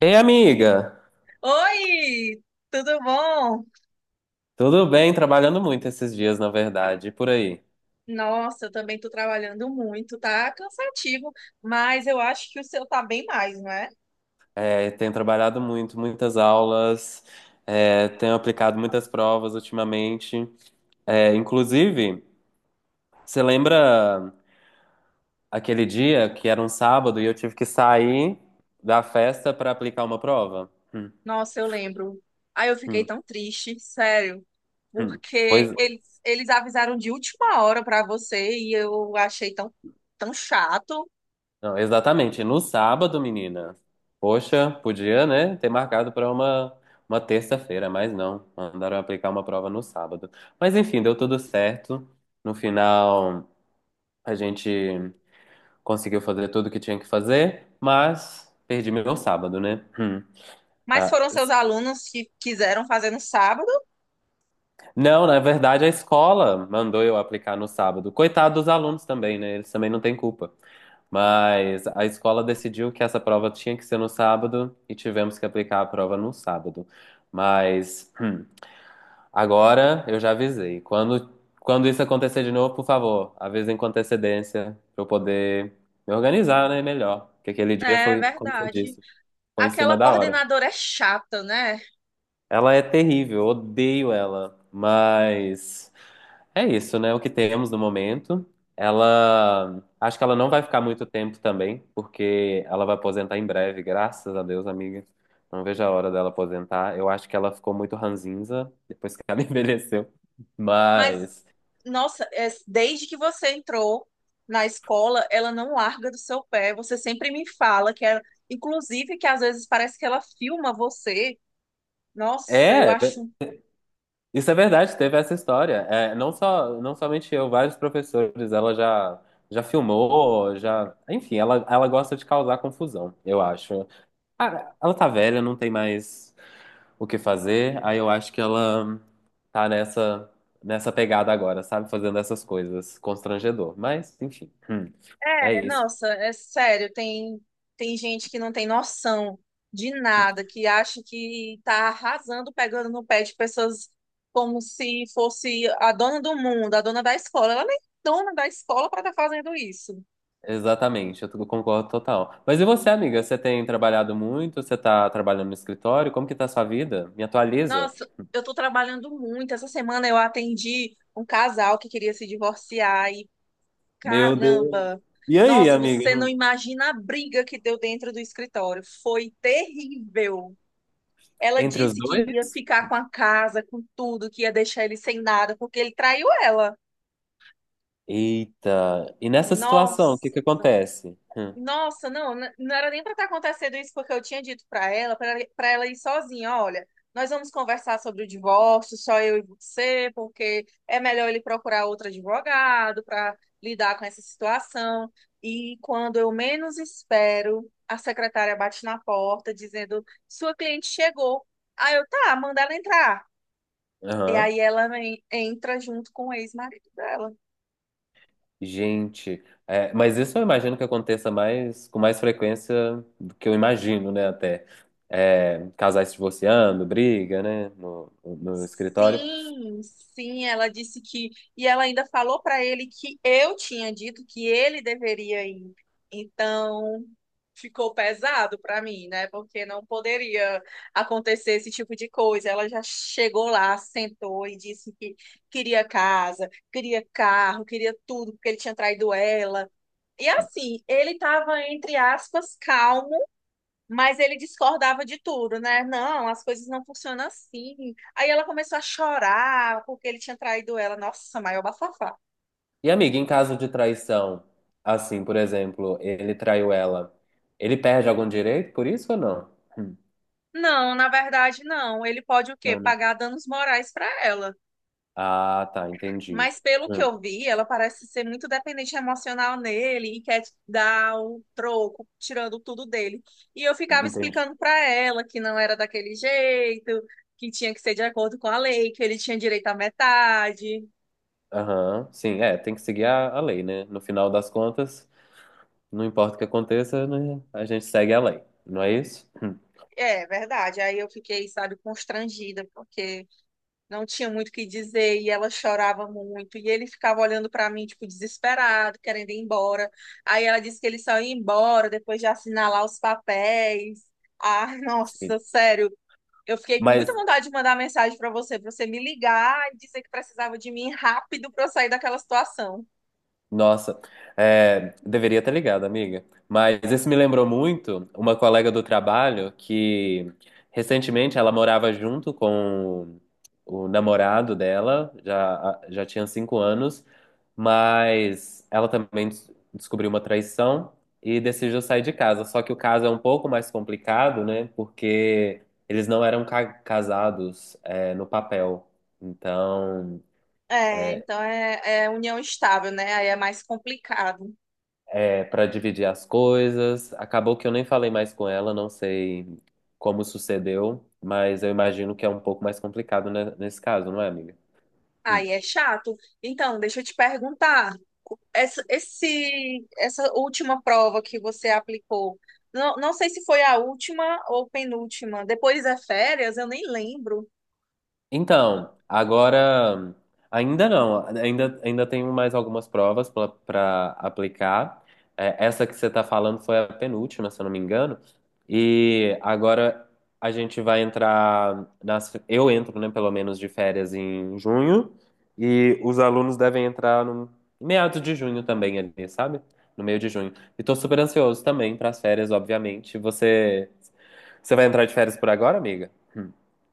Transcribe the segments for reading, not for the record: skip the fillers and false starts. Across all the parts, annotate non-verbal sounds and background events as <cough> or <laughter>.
Ei, amiga! Oi, tudo bom? Tudo bem? Trabalhando muito esses dias, na verdade, e por aí. Nossa, eu também tô trabalhando muito, tá cansativo, mas eu acho que o seu tá bem mais, não é? Tenho trabalhado muito, muitas aulas, tenho aplicado muitas provas ultimamente. Inclusive, você lembra aquele dia que era um sábado e eu tive que sair da festa para aplicar uma prova? Nossa, eu lembro. Aí eu fiquei hum, tão triste, sério, hum. Pois, porque eles avisaram de última hora pra você e eu achei tão, tão chato. não, exatamente. No sábado, menina. Poxa, podia, né, ter marcado para uma terça-feira, mas não. Mandaram aplicar uma prova no sábado. Mas enfim, deu tudo certo. No final, a gente conseguiu fazer tudo que tinha que fazer, mas perdi meu sábado, né? Mas Ah, foram seus alunos que quiseram fazer no sábado? não, na verdade, a escola mandou eu aplicar no sábado. Coitado dos alunos também, né? Eles também não têm culpa. Mas a escola decidiu que essa prova tinha que ser no sábado e tivemos que aplicar a prova no sábado. Mas agora eu já avisei. Quando isso acontecer de novo, por favor, avisem com antecedência para eu poder me organizar, né, melhor. Porque aquele dia É foi, como você verdade. disse, foi em cima Aquela da hora. coordenadora é chata, né? Ela é terrível, eu odeio ela, mas é isso, né? O que temos no momento. Ela, acho que ela não vai ficar muito tempo também, porque ela vai aposentar em breve, graças a Deus, amiga. Não vejo a hora dela aposentar. Eu acho que ela ficou muito ranzinza depois que ela <laughs> envelheceu. Mas, Mas nossa, desde que você entrou na escola, ela não larga do seu pé. Você sempre me fala que ela, inclusive, que às vezes parece que ela filma você. Nossa, eu é, acho. isso é verdade, teve essa história. É, não só, não somente eu, vários professores, ela já filmou, já, enfim, ela gosta de causar confusão, eu acho. Ah, ela tá velha, não tem mais o que fazer. Aí eu acho que ela tá nessa pegada agora, sabe? Fazendo essas coisas. Constrangedor. Mas, enfim, é isso. Nossa, é sério, tem, tem gente que não tem noção de nada, que acha que tá arrasando, pegando no pé de pessoas como se fosse a dona do mundo, a dona da escola. Ela nem é dona da escola para estar fazendo isso. Exatamente, eu concordo total. Mas e você, amiga? Você tem trabalhado muito? Você tá trabalhando no escritório? Como que tá a sua vida? Me atualiza. Nossa, eu tô trabalhando muito. Essa semana eu atendi um casal que queria se divorciar e Meu Deus. caramba! E aí, Nossa, amiga? você não Não- imagina a briga que deu dentro do escritório. Foi terrível. Ela Entre os disse que ia dois? ficar com a casa, com tudo, que ia deixar ele sem nada, porque ele traiu ela. Eita. E nessa situação, o que Nossa! que acontece? Hum. Nossa, não, não era nem para estar acontecendo isso, porque eu tinha dito para ela ir sozinha, olha, nós vamos conversar sobre o divórcio, só eu e você, porque é melhor ele procurar outro advogado para lidar com essa situação. E quando eu menos espero, a secretária bate na porta dizendo: "Sua cliente chegou". Aí eu, tá, manda ela entrar. E Aham. aí entra junto com o ex-marido dela. Gente, mas isso eu imagino que aconteça mais com mais frequência do que eu imagino, né? Até é, casais se divorciando, briga, né? No escritório. Sim, sim, ela disse que. E ela ainda falou para ele que eu tinha dito que ele deveria ir. Então, ficou pesado para mim, né? Porque não poderia acontecer esse tipo de coisa. Ela já chegou lá, sentou e disse que queria casa, queria carro, queria tudo, porque ele tinha traído ela. E assim, ele estava, entre aspas, calmo, mas ele discordava de tudo, né? Não, as coisas não funcionam assim. Aí ela começou a chorar porque ele tinha traído ela. Nossa, maior bafafá. E amiga, em caso de traição, assim, por exemplo, ele traiu ela, ele perde algum direito por isso ou não? Hum, Não, na verdade, não. Ele pode o quê? não, não. Pagar danos morais para ela. Ah, tá, entendi. Mas pelo que Hum, eu vi, ela parece ser muito dependente emocional nele e quer dar o troco, tirando tudo dele. E eu ficava entendi. explicando para ela que não era daquele jeito, que tinha que ser de acordo com a lei, que ele tinha direito à metade. Aham, sim, é, tem que seguir a lei, né? No final das contas, não importa o que aconteça, né? A gente segue a lei, não é isso? É verdade. Aí eu fiquei, sabe, constrangida, porque não tinha muito o que dizer e ela chorava muito. E ele ficava olhando para mim, tipo, desesperado, querendo ir embora. Aí ela disse que ele só ia embora depois de assinar lá os papéis. Ah, <laughs> nossa, sério. Eu fiquei com muita Mas, vontade de mandar mensagem para você, pra você me ligar e dizer que precisava de mim rápido para eu sair daquela situação. nossa, é, deveria ter ligado, amiga. Mas isso me lembrou muito uma colega do trabalho que recentemente ela morava junto com o namorado dela, já tinha cinco anos, mas ela também descobriu uma traição e decidiu sair de casa. Só que o caso é um pouco mais complicado, né? Porque eles não eram casados, é, no papel. Então, É, é, então é união estável, né? Aí é mais complicado. é, para dividir as coisas. Acabou que eu nem falei mais com ela, não sei como sucedeu, mas eu imagino que é um pouco mais complicado, né, nesse caso, não é, amiga? Hum. Aí é chato. Então, deixa eu te perguntar. Essa última prova que você aplicou, não, não sei se foi a última ou penúltima. Depois é férias, eu nem lembro. Então, agora ainda não, ainda tenho mais algumas provas para aplicar. É, essa que você está falando foi a penúltima, se eu não me engano. E agora a gente vai entrar nas, eu entro, né, pelo menos de férias em junho, e os alunos devem entrar no meados de junho também ali, sabe? No meio de junho. E tô super ansioso também para as férias, obviamente. Você vai entrar de férias por agora, amiga?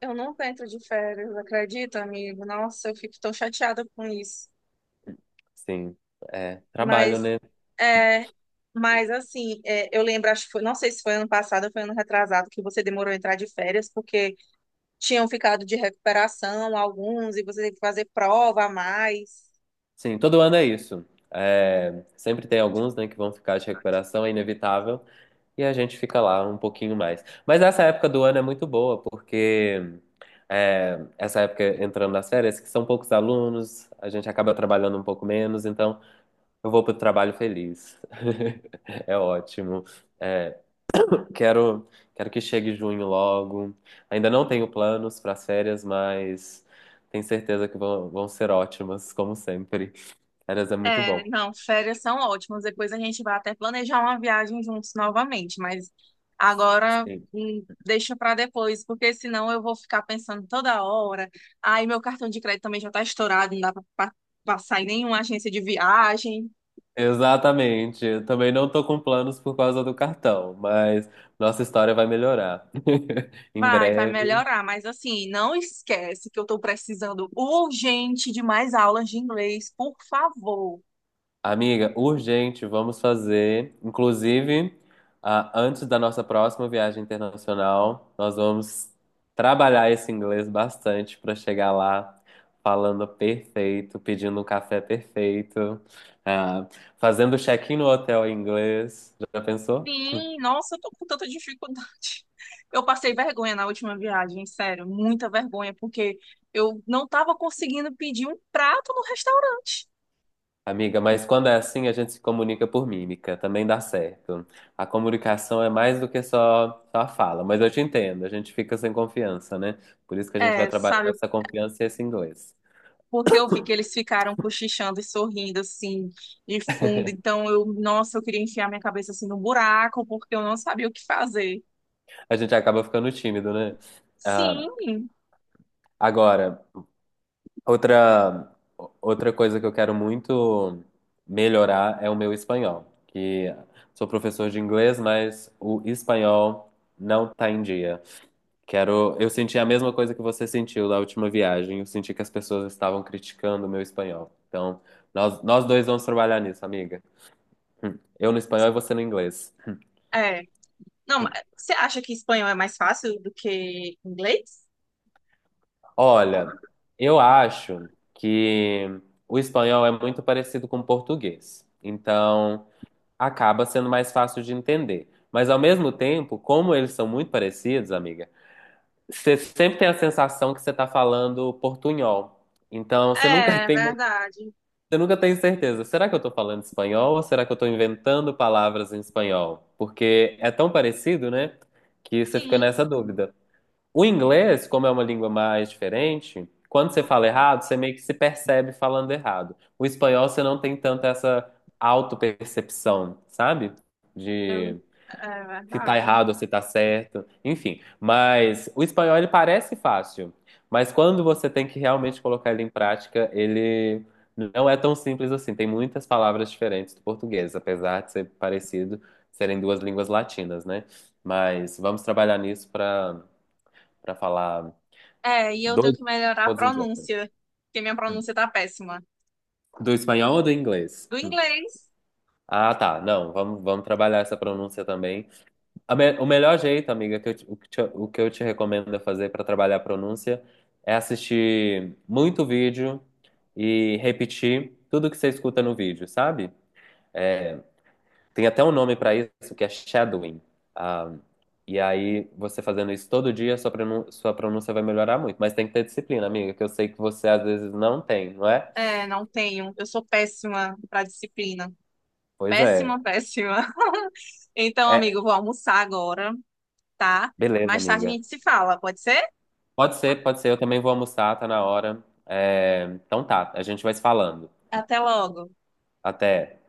Eu nunca entro de férias, acredita, amigo? Nossa, eu fico tão chateada com isso. Sim, é, trabalho, Mas, né? é, mas assim, é, eu lembro, acho que foi, não sei se foi ano passado ou foi ano retrasado que você demorou a entrar de férias, porque tinham ficado de recuperação alguns e você teve que fazer prova a mais. Sim, todo ano é isso. É, sempre tem alguns, né, que vão ficar de recuperação, é inevitável, e a gente fica lá um pouquinho mais. Mas essa época do ano é muito boa, porque é, essa época entrando nas férias, que são poucos alunos, a gente acaba trabalhando um pouco menos, então eu vou pro trabalho feliz. <laughs> É ótimo. É, Quero, quero que chegue junho logo. Ainda não tenho planos para as férias, mas tenho certeza que vão ser ótimas, como sempre. Férias é muito É, bom. não, férias são ótimas. Depois a gente vai até planejar uma viagem juntos novamente, mas agora Sim. Deixa para depois, porque senão eu vou ficar pensando toda hora. Aí meu cartão de crédito também já tá estourado, não dá para passar em nenhuma agência de viagem. Exatamente. Eu também não tô com planos por causa do cartão, mas nossa história vai melhorar. <laughs> Em Vai, vai breve. melhorar, mas assim, não esquece que eu tô precisando urgente de mais aulas de inglês, por favor. Amiga, urgente, vamos fazer. Inclusive, ah, antes da nossa próxima viagem internacional, nós vamos trabalhar esse inglês bastante para chegar lá falando perfeito, pedindo um café perfeito, ah, fazendo check-in no hotel em inglês. Já pensou? Sim, nossa, eu tô com tanta dificuldade. <laughs> Eu passei vergonha na última viagem, sério, muita vergonha, porque eu não tava conseguindo pedir um prato no restaurante. Amiga, mas quando é assim, a gente se comunica por mímica, também dá certo. A comunicação é mais do que só a fala, mas eu te entendo, a gente fica sem confiança, né? Por isso que a gente vai É, trabalhar sabe, essa confiança e esse inglês. porque eu vi que eles ficaram cochichando e sorrindo assim, de fundo, então eu, nossa, eu queria enfiar minha cabeça assim no buraco, porque eu não sabia o que fazer. A gente acaba ficando tímido, né? Ah, Sim, agora, outra, outra coisa que eu quero muito melhorar é o meu espanhol, que sou professor de inglês, mas o espanhol não tá em dia. Quero. Eu senti a mesma coisa que você sentiu da última viagem. Eu senti que as pessoas estavam criticando o meu espanhol. Então, nós dois vamos trabalhar nisso, amiga. Eu no espanhol e você no inglês. é. Não, mas você acha que espanhol é mais fácil do que inglês? Olha, eu acho que o espanhol é muito parecido com o português. Então, acaba sendo mais fácil de entender. Mas, ao mesmo tempo, como eles são muito parecidos, amiga, você sempre tem a sensação que você está falando portunhol. Então, você nunca <laughs> É, tem verdade. eu nunca tenho certeza. Será que eu tô falando espanhol ou será que eu tô inventando palavras em espanhol? Porque é tão parecido, né? Que você fica Sim, nessa dúvida. O inglês, como é uma língua mais diferente, quando você fala errado, você meio que se percebe falando errado. O espanhol, você não tem tanto essa autopercepção, sabe? eu, é Se tá verdade. errado ou se tá certo, enfim. Mas o espanhol ele parece fácil, mas quando você tem que realmente colocar ele em prática, ele não é tão simples assim. Tem muitas palavras diferentes do português, apesar de ser parecido, serem duas línguas latinas, né? Mas vamos trabalhar nisso para para falar É, e eu tenho dois que melhorar a todos em diante. pronúncia, porque minha pronúncia tá péssima. Do espanhol ou do inglês? Do Hum. inglês, Ah, tá. Não, vamos trabalhar essa pronúncia também. O melhor jeito, amiga, que eu te- o que eu te recomendo fazer para trabalhar a pronúncia é assistir muito vídeo e repetir tudo que você escuta no vídeo, sabe? É, tem até um nome para isso, que é shadowing. Ah, e aí, você fazendo isso todo dia, sua sua pronúncia vai melhorar muito. Mas tem que ter disciplina, amiga, que eu sei que você às vezes não tem, não é? é, não tenho. Eu sou péssima pra disciplina. Pois é. Péssima, péssima. <laughs> Então, amigo, eu É, vou almoçar agora, tá? beleza, Mais tarde a amiga. gente se fala, pode ser? Pode ser, pode ser. Eu também vou almoçar, tá na hora. É, então tá, a gente vai se falando. Até logo. Até.